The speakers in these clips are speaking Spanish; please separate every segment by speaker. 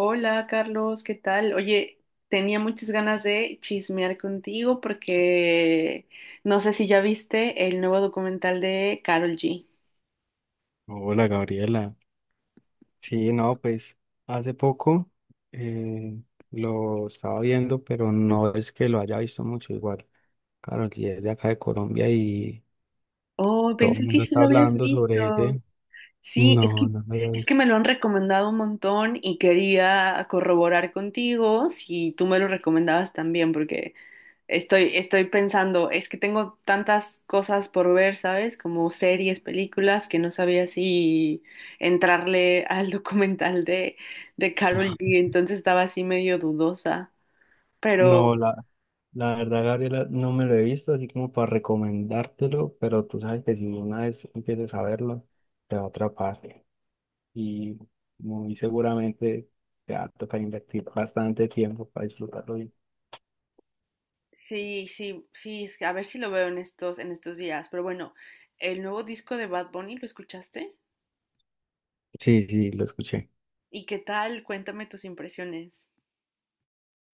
Speaker 1: Hola Carlos, ¿qué tal? Oye, tenía muchas ganas de chismear contigo porque no sé si ya viste el nuevo documental de Carol G.
Speaker 2: Hola Gabriela. Sí, no, pues hace poco eh, lo estaba viendo, pero no es que lo haya visto mucho igual. Claro, y es de acá de Colombia y
Speaker 1: Oh,
Speaker 2: todo el
Speaker 1: pensé que
Speaker 2: mundo
Speaker 1: sí
Speaker 2: está
Speaker 1: lo habías
Speaker 2: hablando sobre
Speaker 1: visto.
Speaker 2: ese.
Speaker 1: Sí, es
Speaker 2: No,
Speaker 1: que
Speaker 2: no me lo he
Speaker 1: es que
Speaker 2: visto.
Speaker 1: me lo han recomendado un montón y quería corroborar contigo si tú me lo recomendabas también porque estoy pensando, es que tengo tantas cosas por ver, ¿sabes? Como series, películas, que no sabía si entrarle al documental de Karol G, entonces estaba así medio dudosa. Pero
Speaker 2: No, la verdad, Gabriela, no me lo he visto, así como para recomendártelo, pero tú sabes que si una vez empieces a verlo, te va a atrapar y muy seguramente te va a tocar invertir bastante tiempo para disfrutarlo bien.
Speaker 1: sí, sí, sí, es que a ver si lo veo en estos días. Pero bueno, el nuevo disco de Bad Bunny, ¿lo escuchaste?
Speaker 2: Sí, sí, lo escuché.
Speaker 1: ¿Y qué tal? Cuéntame tus impresiones.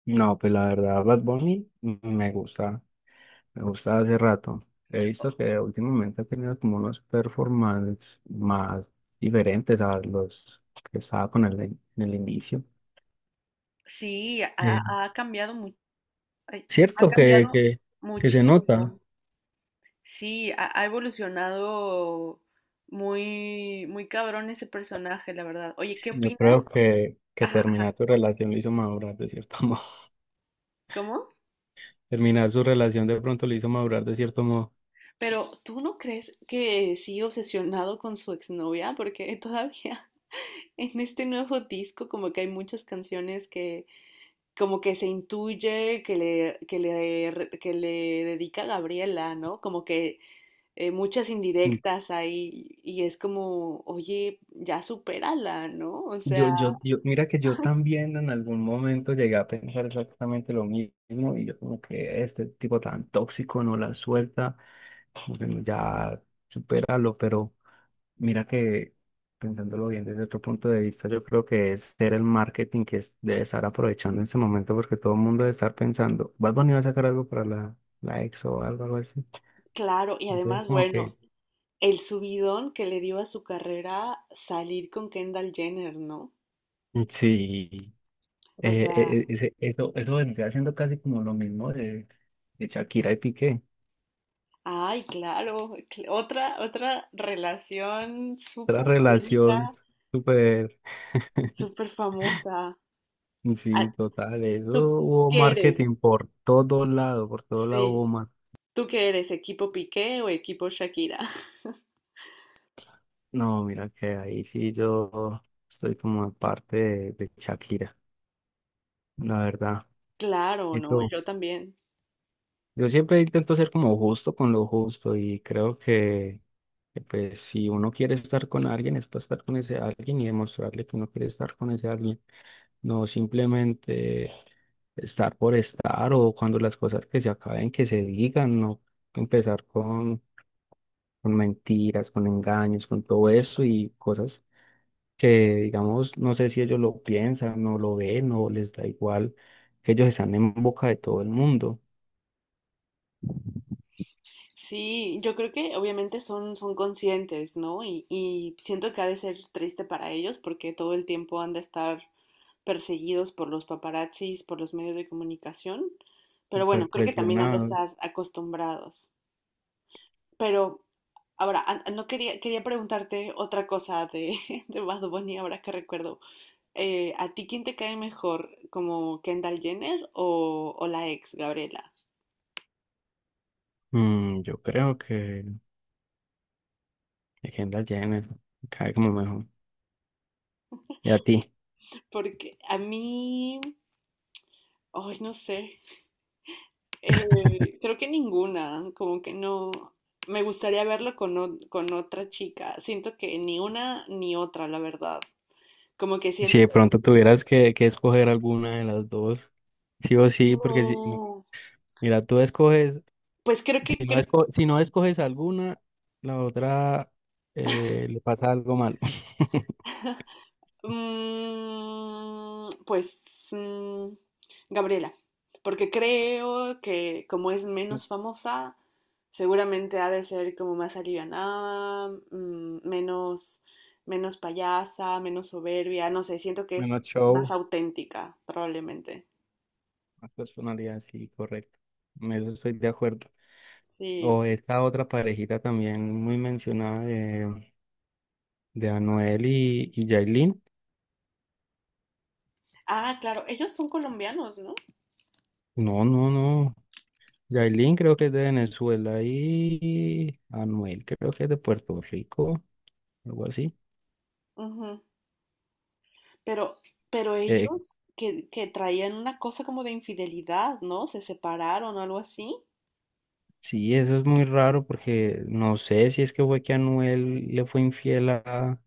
Speaker 2: No, pues la verdad, Bad Bunny me gusta hace rato. He visto que últimamente ha tenido como unos performances más diferentes a los que estaba en el inicio.
Speaker 1: Sí, ha,
Speaker 2: Eh,
Speaker 1: ha ay, ha
Speaker 2: cierto que,
Speaker 1: cambiado
Speaker 2: se nota.
Speaker 1: muchísimo. Sí, ha evolucionado muy cabrón ese personaje, la verdad. Oye, ¿qué
Speaker 2: Yo creo
Speaker 1: opinas?
Speaker 2: que,
Speaker 1: Ajá,
Speaker 2: terminar
Speaker 1: ajá.
Speaker 2: tu relación lo hizo madurar de cierto modo.
Speaker 1: ¿Cómo?
Speaker 2: Terminar su relación de pronto lo hizo madurar de cierto modo.
Speaker 1: Pero ¿tú no crees que sigue obsesionado con su exnovia? Porque todavía en este nuevo disco como que hay muchas canciones que como que se intuye que le dedica a Gabriela, ¿no? Como que muchas indirectas ahí y es como, oye, ya supérala, ¿no? O
Speaker 2: Yo,
Speaker 1: sea...
Speaker 2: yo, yo, mira que yo también en algún momento llegué a pensar exactamente lo mismo, y yo como que este tipo tan tóxico no la suelta, como que ya supéralo. Pero mira que, pensándolo bien desde otro punto de vista, yo creo que es ser el marketing que debe estar aprovechando en ese momento, porque todo el mundo debe estar pensando, ¿vas a venir a sacar algo para la ex o algo así?
Speaker 1: Claro, y
Speaker 2: Entonces
Speaker 1: además,
Speaker 2: como
Speaker 1: bueno,
Speaker 2: que
Speaker 1: el subidón que le dio a su carrera salir con Kendall Jenner, ¿no?
Speaker 2: sí.
Speaker 1: O
Speaker 2: Eh, eh,
Speaker 1: sea,
Speaker 2: eh, ese- eso, eso vendría siendo casi como lo mismo de, Shakira y Piqué.
Speaker 1: ay, claro, otra relación
Speaker 2: Otra
Speaker 1: súper polémica,
Speaker 2: relación súper,
Speaker 1: súper famosa. Ah,
Speaker 2: sí, total. Eso,
Speaker 1: ¿tú
Speaker 2: hubo
Speaker 1: qué eres?
Speaker 2: marketing por todo lado, por todo lado
Speaker 1: Sí,
Speaker 2: hubo marketing.
Speaker 1: ¿tú qué eres? ¿Equipo Piqué o equipo Shakira?
Speaker 2: No, mira que ahí sí yo estoy como en parte de, Shakira, la verdad.
Speaker 1: Claro,
Speaker 2: Y
Speaker 1: ¿no?
Speaker 2: tú,
Speaker 1: Yo también.
Speaker 2: yo siempre intento ser como justo con lo justo, y creo que, pues si uno quiere estar con alguien es para estar con ese alguien y demostrarle que uno quiere estar con ese alguien. No simplemente estar por estar, o cuando las cosas que se acaben, que se digan, no empezar con, mentiras, con engaños, con todo eso y cosas que, digamos, no sé si ellos lo piensan, no lo ven o les da igual, que ellos están en boca de todo el mundo,
Speaker 1: Sí, yo creo que obviamente son conscientes, ¿no? Y siento que ha de ser triste para ellos porque todo el tiempo han de estar perseguidos por los paparazzis, por los medios de comunicación, pero
Speaker 2: súper
Speaker 1: bueno, creo que también han de
Speaker 2: presionados.
Speaker 1: estar acostumbrados. Pero ahora, no quería, quería preguntarte otra cosa de, de Bad Bunny, ahora que recuerdo. ¿A ti quién te cae mejor, como Kendall Jenner o la ex Gabriela?
Speaker 2: Yo creo que Kendall Jenner cae como mejor. ¿Y a ti?
Speaker 1: Porque a mí, ay, no sé. Creo que ninguna, como que no. Me gustaría verlo con, con otra chica. Siento que ni una ni otra, la verdad. Como que
Speaker 2: Si
Speaker 1: siento
Speaker 2: de
Speaker 1: que
Speaker 2: pronto tuvieras que, escoger alguna de las dos, sí o sí, porque sí.
Speaker 1: no.
Speaker 2: Mira, tú escoges,
Speaker 1: Pues creo que creo
Speaker 2: si no escoges alguna, la otra le pasa algo malo.
Speaker 1: Mm, pues mm, Gabriela, porque creo que como es menos famosa, seguramente ha de ser como más alivianada, mm, menos payasa, menos soberbia, no sé, siento que es
Speaker 2: Menos
Speaker 1: más
Speaker 2: show,
Speaker 1: auténtica, probablemente.
Speaker 2: más personalidad, sí, correcto. En eso estoy de acuerdo.
Speaker 1: Sí.
Speaker 2: O esta otra parejita también muy mencionada de, Anuel y Yailin.
Speaker 1: Ah, claro, ellos son colombianos, ¿no?
Speaker 2: No, no, no. Yailin creo que es de Venezuela y Anuel creo que es de Puerto Rico, algo así.
Speaker 1: Ujú. Pero, pero
Speaker 2: Eh,
Speaker 1: ellos que traían una cosa como de infidelidad, ¿no? Se separaron o algo así.
Speaker 2: Sí eso es muy raro, porque no sé si es que fue que Anuel le fue infiel a,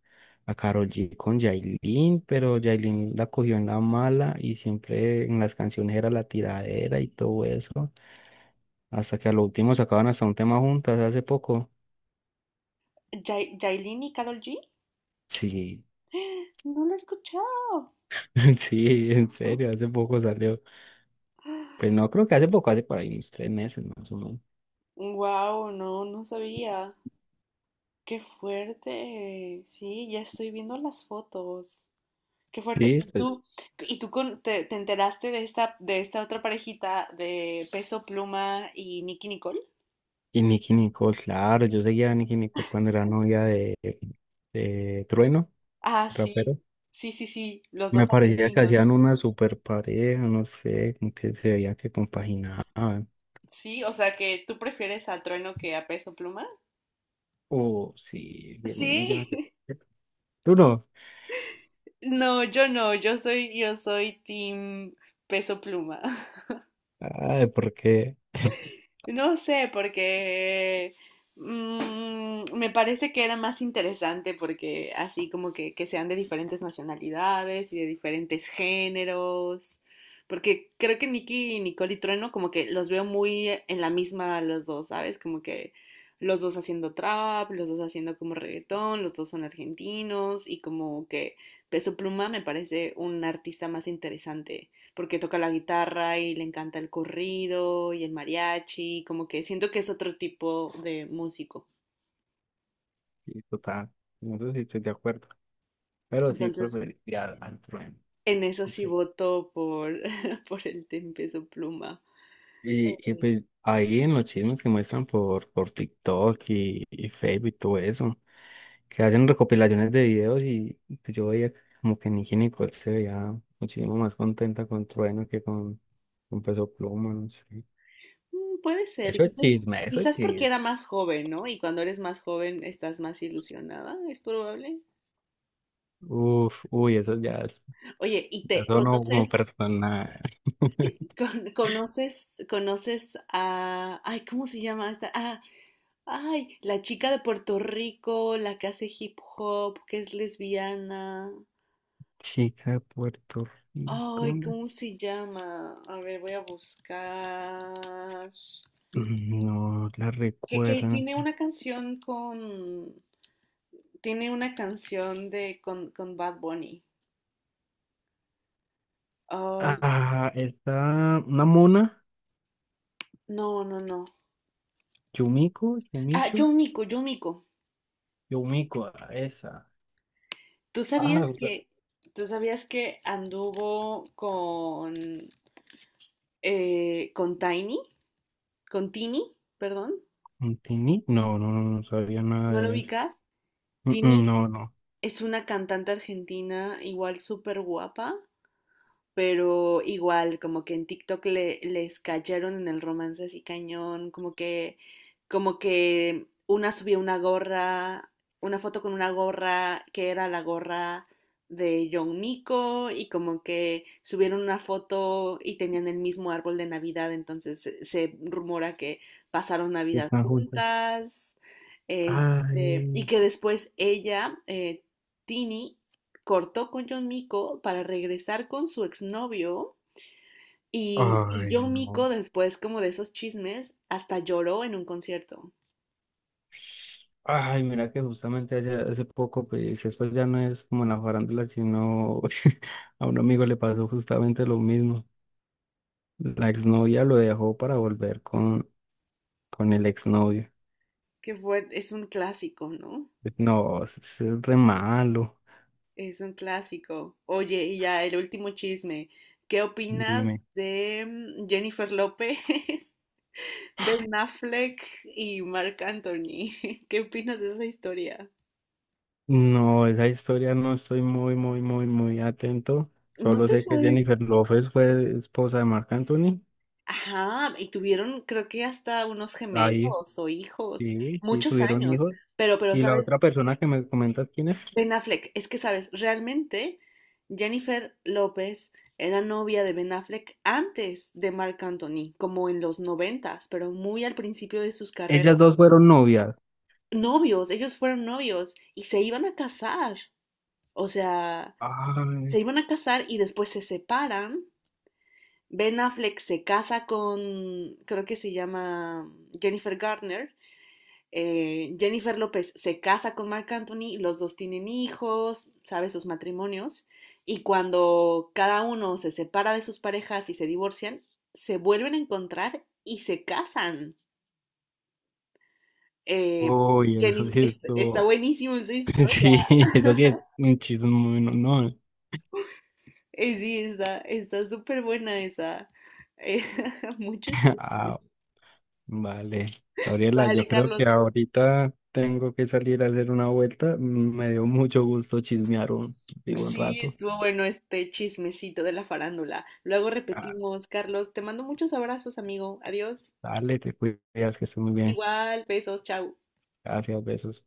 Speaker 2: Karol G con Yailin, pero Yailin la cogió en la mala y siempre en las canciones era la tiradera y todo eso, hasta que a lo último sacaban hasta un tema juntas hace poco.
Speaker 1: Yailin y Karol G.
Speaker 2: Sí,
Speaker 1: No lo he escuchado.
Speaker 2: sí, en serio, hace poco salió. Pues no creo que hace poco, hace por ahí unos tres meses más o menos.
Speaker 1: Wow, no, no sabía. Qué fuerte. Sí, ya estoy viendo las fotos. Qué fuerte.
Speaker 2: Sí,
Speaker 1: Y tú te enteraste de esta otra parejita de Peso Pluma y Nicky Nicole?
Speaker 2: y Nicki Nicole, claro, yo seguía a Nicki Nicole cuando era novia de, Trueno,
Speaker 1: Ah, sí.
Speaker 2: rapero.
Speaker 1: Sí, sí, sí. Los dos
Speaker 2: Me parecía que
Speaker 1: argentinos.
Speaker 2: hacían una super pareja, no sé, como que se veía que compaginaban.
Speaker 1: Sí, o sea que tú prefieres a Trueno que a Peso Pluma.
Speaker 2: Oh, sí, 10 mil millones de
Speaker 1: Sí.
Speaker 2: pesos. ¿Tú no?
Speaker 1: No, yo no. Yo soy Team Peso Pluma.
Speaker 2: Ay, ¿por qué?
Speaker 1: No sé, porque mm, me parece que era más interesante porque así como que sean de diferentes nacionalidades y de diferentes géneros, porque creo que Nicky Nicole y Trueno como que los veo muy en la misma los dos, ¿sabes? Como que los dos haciendo trap, los dos haciendo como reggaetón, los dos son argentinos y como que Peso Pluma me parece un artista más interesante porque toca la guitarra y le encanta el corrido y el mariachi, como que siento que es otro tipo de músico.
Speaker 2: Sí, total. No sé si estoy de acuerdo. Pero sí,
Speaker 1: Entonces,
Speaker 2: preferiría al, trueno.
Speaker 1: en eso
Speaker 2: No
Speaker 1: sí
Speaker 2: sé.
Speaker 1: voto por, por el Tempeso Pluma.
Speaker 2: Y pues ahí en los chismes que muestran por, TikTok y Facebook y todo eso, que hacen recopilaciones de videos y pues, yo veía como que Nicki Nicole se veía muchísimo más contenta con Trueno que con, Peso Pluma, no sé.
Speaker 1: Mm, puede ser,
Speaker 2: Eso es
Speaker 1: quizás,
Speaker 2: chisme, eso es
Speaker 1: quizás porque
Speaker 2: chisme.
Speaker 1: era más joven, ¿no? Y cuando eres más joven estás más ilusionada, es probable.
Speaker 2: Uf, uy, eso ya es,
Speaker 1: Oye, ¿y te
Speaker 2: eso no como
Speaker 1: conoces,
Speaker 2: persona.
Speaker 1: sí, conoces, conoces a, ay, ¿cómo se llama esta? Ah, ay, la chica de Puerto Rico, la que hace hip hop, que es lesbiana.
Speaker 2: Chica de Puerto
Speaker 1: Ay,
Speaker 2: Rico.
Speaker 1: ¿cómo se llama? A ver, voy a buscar.
Speaker 2: No la
Speaker 1: Que
Speaker 2: recuerdo.
Speaker 1: tiene una canción con... Tiene una canción de con Bad Bunny. Ay,
Speaker 2: Ah, está una mona.
Speaker 1: no, no, no.
Speaker 2: Yumiko,
Speaker 1: Ah,
Speaker 2: Yumicho,
Speaker 1: Yomiko, Yomiko.
Speaker 2: Yumiko, ah, esa.
Speaker 1: ¿Tú
Speaker 2: Ah,
Speaker 1: sabías
Speaker 2: o sea,
Speaker 1: que, tú sabías que anduvo con Tiny, con Tini, perdón?
Speaker 2: ¿Tini? No, no, no, no sabía nada
Speaker 1: ¿No lo
Speaker 2: de eso.
Speaker 1: ubicas?
Speaker 2: Mm,
Speaker 1: Tini
Speaker 2: mm, no, no,
Speaker 1: es una cantante argentina igual súper guapa pero igual, como que en TikTok les cayeron en el romance así cañón, como que una foto con una gorra que era la gorra de John Miko y como que subieron una foto y tenían el mismo árbol de Navidad, entonces se rumora que pasaron Navidad
Speaker 2: están juntas.
Speaker 1: juntas, este, y
Speaker 2: Ay,
Speaker 1: que después ella, Tini, cortó con John Miko para regresar con su exnovio y
Speaker 2: ay,
Speaker 1: John
Speaker 2: no.
Speaker 1: Miko después como de esos chismes hasta lloró en un concierto,
Speaker 2: Ay, mira que justamente hace poco, pues eso ya no es como en la farándula, sino a un amigo le pasó justamente lo mismo. La exnovia lo dejó para volver con, el exnovio.
Speaker 1: que fue, es un clásico, ¿no?
Speaker 2: No, eso es re malo.
Speaker 1: Es un clásico. Oye, y ya el último chisme, ¿qué opinas
Speaker 2: Dime.
Speaker 1: de mm, Jennifer López, Ben Affleck y Marc Anthony? ¿Qué opinas de esa historia?
Speaker 2: No, esa historia no estoy muy, muy, muy, muy atento.
Speaker 1: ¿No
Speaker 2: Solo
Speaker 1: te
Speaker 2: sé que
Speaker 1: sabes
Speaker 2: Jennifer López fue esposa de Marc Anthony.
Speaker 1: ajá, y tuvieron creo que hasta unos
Speaker 2: Ahí,
Speaker 1: gemelos o hijos,
Speaker 2: sí, sí,
Speaker 1: muchos
Speaker 2: tuvieron
Speaker 1: años,
Speaker 2: hijos.
Speaker 1: pero,
Speaker 2: Y la
Speaker 1: ¿sabes?
Speaker 2: otra persona que me comentas quién es,
Speaker 1: Ben Affleck, es que, ¿sabes? Realmente Jennifer López era novia de Ben Affleck antes de Marc Anthony, como en los noventas, pero muy al principio de sus carreras.
Speaker 2: ellas dos fueron novias.
Speaker 1: Novios, ellos fueron novios y se iban a casar, o sea, se
Speaker 2: Ay.
Speaker 1: iban a casar y después se separan. Ben Affleck se casa con, creo que se llama Jennifer Garner. Jennifer López se casa con Marc Anthony, los dos tienen hijos, sabes sus matrimonios, y cuando cada uno se separa de sus parejas y se divorcian, se vuelven a encontrar y se casan. Eh,
Speaker 2: Uy, eso
Speaker 1: Jenny,
Speaker 2: sí
Speaker 1: está
Speaker 2: estuvo.
Speaker 1: buenísimo esa historia.
Speaker 2: Sí, eso sí es un chisme, no, no.
Speaker 1: Sí, está, está súper buena esa. Eh, mucho chisme.
Speaker 2: Ah, vale. Gabriela,
Speaker 1: Dale,
Speaker 2: yo creo que
Speaker 1: Carlos.
Speaker 2: ahorita tengo que salir a hacer una vuelta. Me dio mucho gusto chismear un, digo, un
Speaker 1: Sí,
Speaker 2: rato.
Speaker 1: estuvo bueno este chismecito de la farándula. Luego
Speaker 2: Ah,
Speaker 1: repetimos, Carlos, te mando muchos abrazos, amigo. Adiós.
Speaker 2: dale, te cuidas, que estés muy bien.
Speaker 1: Igual, besos, chao.
Speaker 2: Gracias, besos.